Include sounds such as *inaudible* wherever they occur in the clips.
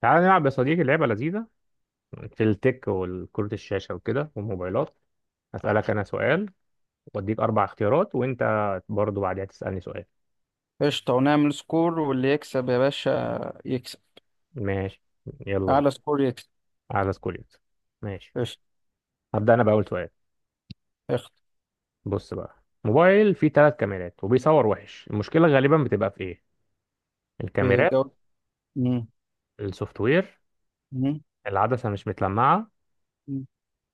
تعال نلعب يا صديقي لعبة لذيذة في التك والكرة الشاشة وكده والموبايلات. هسألك أنا سؤال وأديك أربع اختيارات، وأنت برضو بعدها تسألني سؤال. قشطة، ونعمل سكور، واللي يكسب يا باشا يكسب. ماشي، يلا بينا. أعلى سكور يكسب. على سكوليت. ماشي، قشطة. هبدأ أنا بأول سؤال. اخت. بص بقى، موبايل فيه ثلاث كاميرات وبيصور وحش، المشكلة غالبا بتبقى في إيه؟ في الكاميرات، جولة. مم. السوفت وير، مم. العدسة مش متلمعة، مم.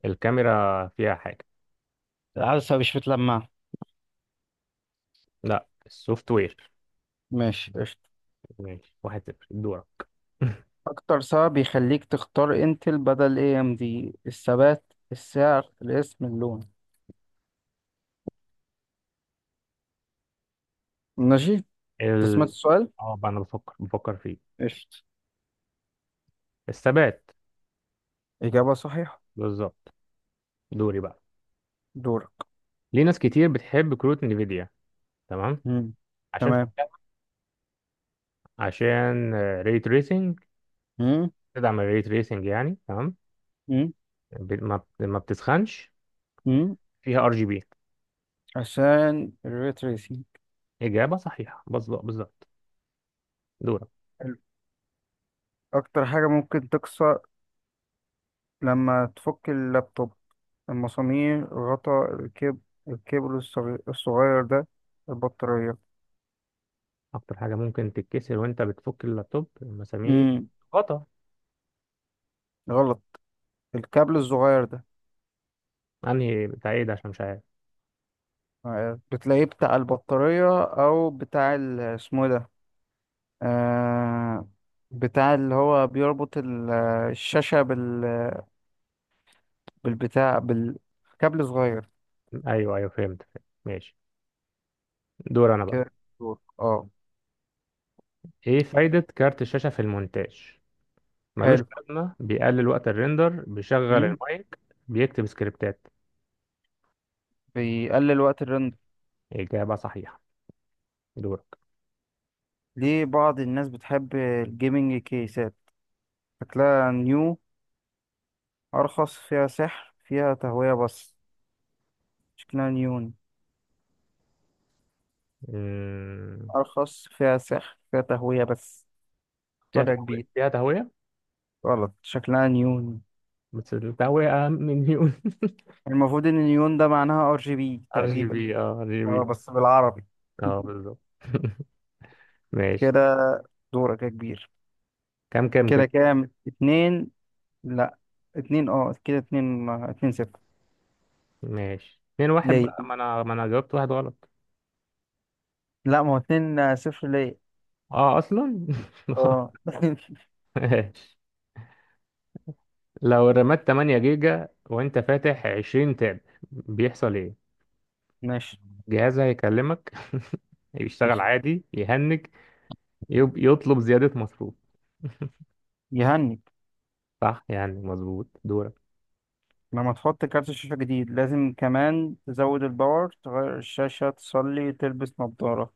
الكاميرا فيها حاجة. العدسة مش متلمعة. لا، السوفت وير. ماشي، قشطة. ماشي، واحد صفر، دورك. *laughs* أكتر سبب بيخليك تختار انتل بدل اي ام دي؟ الثبات، السعر، الاسم، اللون؟ ماشي. أنت سمعت ال... السؤال؟ اه بقى، انا بفكر فيه. قشطة. الثبات. إجابة صحيحة. بالظبط. دوري بقى. دورك. ليه ناس كتير بتحب كروت نفيديا؟ تمام. مم. عشان تمام. شكلها، عشان ري تريسنج، مم. تدعم الري تريسنج يعني، تمام، مم. ما بتسخنش، مم. فيها ار جي بي. عشان الريتريسينج. اجابه صحيحه، بالظبط بالظبط. دورك. أكتر حاجة ممكن تكسر لما تفك اللابتوب؟ المسامير، غطا، الكبل الصغير ده، البطارية؟ اكتر حاجه ممكن تتكسر وانت بتفك اللابتوب؟ مسامير، امم غطا، غلط. الكابل الصغير ده. انهي بتاع ايه ده؟ عشان مش عارف. آه، بتلاقيه بتاع البطارية أو بتاع اسمه إيه ده. آه، بتاع اللي هو بيربط الشاشة بالبتاع، بالكابل صغير. ايوه ايوه، فهمت فهمت. ماشي، دور انا بقى. كده. اه. ايه فايده كارت الشاشه في المونتاج؟ ملوش حلو. لازمة، بيقلل وقت الريندر، بيشغل امم المايك، بيكتب سكريبتات. بيقلل وقت الرندر. إجابة صحيحة. دورك. ليه بعض الناس بتحب الجيمنج كيسات؟ شكلها نيو، أرخص، فيها سحر، فيها تهوية بس. شكلها نيون، مم. أرخص، فيها سحر، فيها تهوية بس. فيها اختار يا تهوية، كبير. فيها تهوية. غلط، شكلها نيون. بس التهوية أهم من نيون. المفروض إن نيون ده معناها ار جي بي *laughs* ار جي تقريبا. بي، اه ار جي بي. اه بس بالعربي. اه *laughs* بالظبط. *laughs* ماشي. كده. دورك يا كبير. كام كده كده؟ كام؟ اتنين، لا، اتنين، اه، كده، اتنين اتنين صفر. ماشي، اتنين واحد ليه؟ بقى، ما انا جاوبت واحد غلط. لا، ما هو اتنين، آه، صفر ليه. اه اصلا. *laughs* اه. *laughs* ماشي. لو رمات 8 جيجا وانت فاتح 20 تاب، بيحصل ايه؟ ماشي. جهازها هيكلمك. *laughs* يشتغل عادي، يهنج، يطلب زيادة مصروف. يهني. صح، يعني مظبوط. دورك. لما تحط كارت شاشة جديد لازم كمان تزود الباور، تغير الشاشة، تصلي، تلبس نظارة؟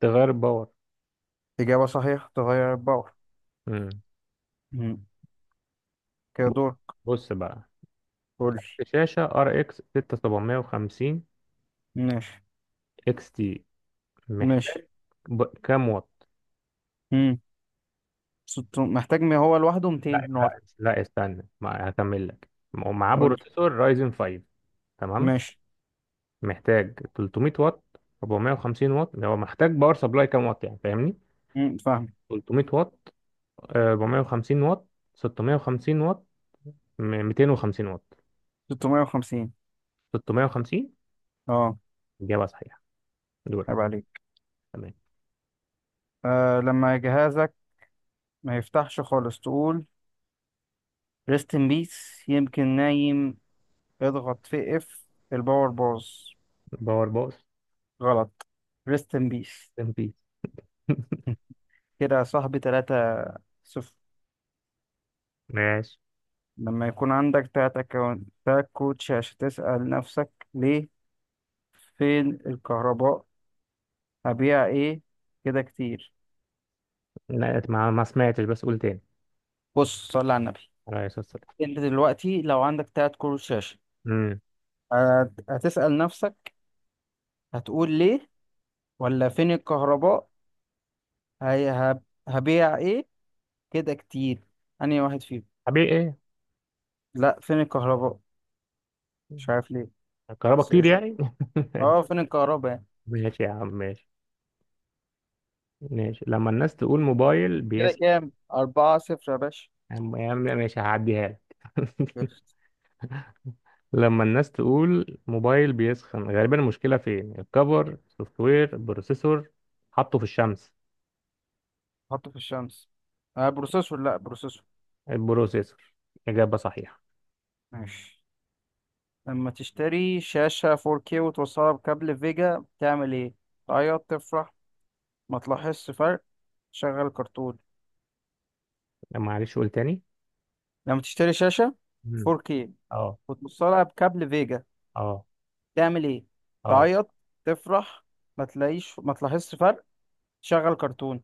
تغير باور. إجابة صحيحة، تغير الباور. مم. مم. كده دور. بص بقى، قولي. شاشة ار اكس 6750 ماشي. اكس تي، ماشي. محتاج كام واط؟ مم. محتاج، ما هو لوحده لا 200 نقط. لا لا، استنى، ما هكمل لك. ومعاه قولي. بروسيسور رايزن 5، تمام؟ ماشي. محتاج 300 واط، 450 واط، يعني هو محتاج باور سبلاي كام واط، يعني فاهمني. مم، فاهم. 300 واط، 450 واط، 650 واط، 250 واط. 650. 650. اه. إجابة صحيحة. دورك. عيب عليك. تمام. آه، لما جهازك ما يفتحش خالص تقول؟ ريست ان بيس، يمكن نايم، اضغط في اف، الباور باظ؟ باور بوس. غلط، ريست ان بيس. ام بيس. كده يا صاحبي، تلاتة صفر. ماشي. لما يكون عندك تلات أكونتات كوتش عشان تسأل نفسك ليه؟ فين الكهرباء؟ هبيع ايه؟ كده كتير؟ لا ما سمعتش، بس قول تاني. بص، صلي على النبي. على اساس السلام. انت دلوقتي لو عندك تلات كروت شاشة، امم هتسأل نفسك، هتقول ليه، ولا فين الكهرباء، هي هب- هبيع ايه، كده كتير، أنهي واحد فيهم؟ حبيبي ايه؟ لا، فين الكهرباء. مش عارف ليه. الكهرباء بس كتير قشطة. يعني. اه، فين الكهرباء يعني. *laughs* ماشي يا عم، ماشي. ماشي. لما الناس تقول موبايل كده بيسخن، كام، أربعة صفر يا يا عم يا عم ماشي، هعديها لك. *laughs* باشا. لما الناس تقول موبايل بيسخن، غالبا المشكلة فين؟ الكفر، سوفت وير، بروسيسور، حطه في الشمس. حطه في الشمس. آه، بروسيسور، لا بروسيسور. البروسيسور. إجابة صحيحة. ماشي. لما تشتري شاشة 4K وتوصلها بكابل فيجا تعمل ايه؟ تعيط، تفرح، ما تلاحظش فرق، تشغل كرتون؟ معلش قول تاني. لما تشتري شاشة مم. 4K اه. وتوصلها بكابل فيجا اه. تعمل ايه؟ اه. تعيط، تفرح، ما تلاحظش فرق، تشغل كرتون؟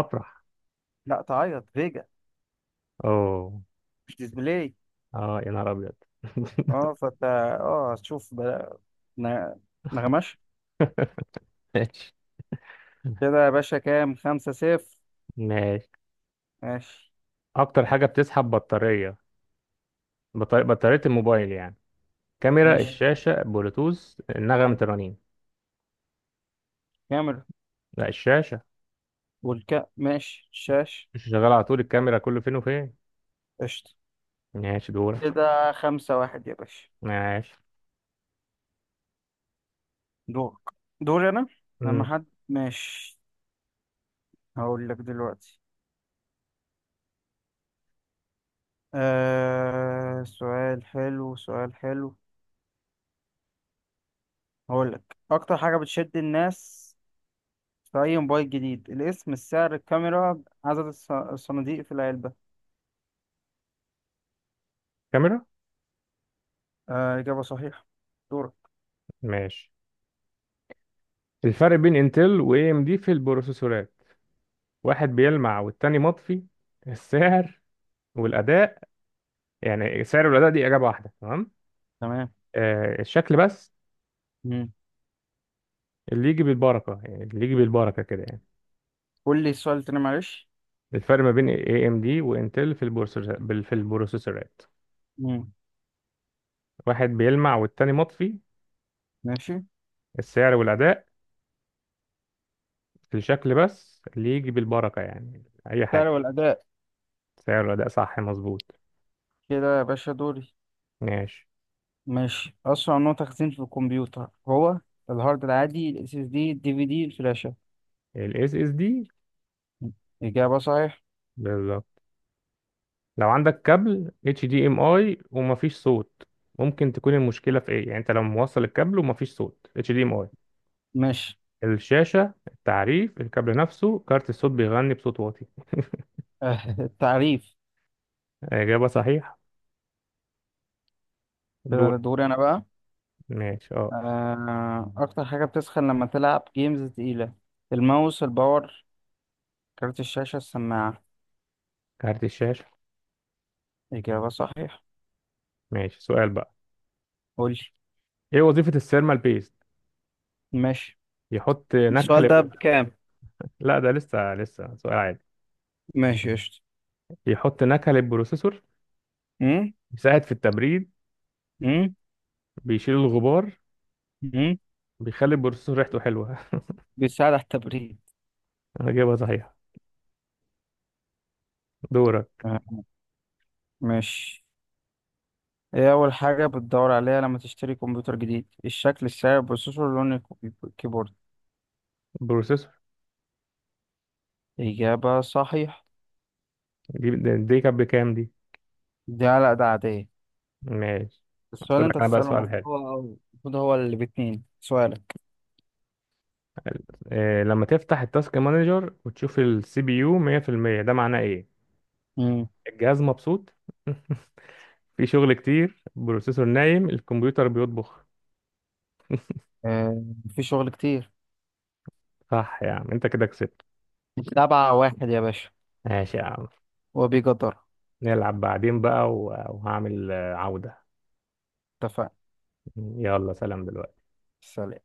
افرح. لا، تعيط، فيجا اوه. مش ديسبلاي. اه يا نهار ابيض. اه، *laughs* فانت. اه، هتشوف بقى. ن- نغمش. ماشي. كده يا باشا كام، خمسة صفر. ماشي. ماشي. اكتر حاجه بتسحب بطاريه، بطاريه الموبايل يعني. كاميرا، مم. ماشي. الشاشه، بلوتوث، نغمه الرنين. كاميرا. لا، الشاشه والكا، ماشي، شاش. مش شغاله على طول، الكاميرا كله فين وفين. قشطة. ماشي، دورك. كده خمسة واحد يا باشا. ماشي. دورك. دوري أنا. لما مم. حد ماشي هقول لك دلوقتي. آه، سؤال حلو، سؤال حلو. هقول لك أكتر حاجة بتشد الناس في أي موبايل جديد؟ الاسم، السعر، الكاميرا، عدد الصناديق في العلبة؟ كاميرا. آه، إجابة صحيحة. دورك. ماشي. الفرق بين انتل واي ام دي في البروسيسورات، واحد بيلمع والتاني مطفي، السعر والاداء، يعني السعر والاداء دي اجابه واحده تمام، تمام. آه الشكل بس مم. اللي يجي بالبركه، يعني اللي يجي بالبركه كده يعني. قول لي السؤال تاني معلش. الفرق ما بين AMD وانتل في البروسيسورات مم. واحد بيلمع والتاني مطفي، ماشي. السعر والأداء، في الشكل بس اللي يجي بالبركة يعني أي السعر حاجة. والأداء. سعر والأداء، صح مظبوط. كده يا باشا دوري. ماشي. ماشي. أسرع نوع تخزين في الكمبيوتر هو؟ الهارد العادي، ال SSD، ال DVD، الفلاشة؟ ال SSD. إجابة صحيح. بالظبط. لو عندك كابل HDMI ومفيش صوت، ممكن تكون المشكلة في إيه؟ يعني أنت لو موصل الكابل ومفيش صوت HDMI. ماشي. الشاشة، التعريف، الكابل نفسه، كارت الصوت بيغني بصوت واطي. *laughs* التعريف. إجابة صحيحة. كده دور. دوري أنا بقى. ماشي، اه. آه، أكتر حاجة بتسخن لما تلعب جيمز تقيلة؟ الماوس، الباور، كارت الشاشة، السماعة؟ كارت الشاشة. إجابة صحيح. ماشي، سؤال بقى. قولي. ايه وظيفة السيرمال بيست؟ ماشي. يحط نكهة السؤال ده للبروسيسور. بكام؟ لا ده لسه لسه سؤال عادي. ماشي قشطة. يحط نكهة للبروسيسور، أمم؟ يساعد في التبريد، أمم؟ بيشيل الغبار، أمم؟ بيخلي البروسيسور ريحته حلوة. *laughs* بيساعد على التبريد. انا جايبها صحيح. دورك. آه. ماشي. ايه اول حاجة بتدور عليها لما تشتري كمبيوتر جديد؟ الشكل، السعر، البروسيسور، لون الكيبورد؟ بروسيسور. اجابة صحيح. دي دي كانت بكام؟ دي دي على ده عادية. ماشي. السؤال اللي هسألك لك انت انا بقى تسأله سؤال حلو. المفروض. هو اللي باتنين سؤالك. إيه لما تفتح التاسك مانجر وتشوف السي بي يو 100% ده معناه ايه؟ امم الجهاز مبسوط، *laughs* في شغل كتير، بروسيسور نايم، الكمبيوتر بيطبخ. آه، في شغل كتير. صح يا عم، انت كده كسبت. سبعة واحد يا باشا. ماشي يا عم، وبيقدر. نلعب بعدين بقى، وهعمل عودة. اتفقنا. يلا سلام دلوقتي. سلام.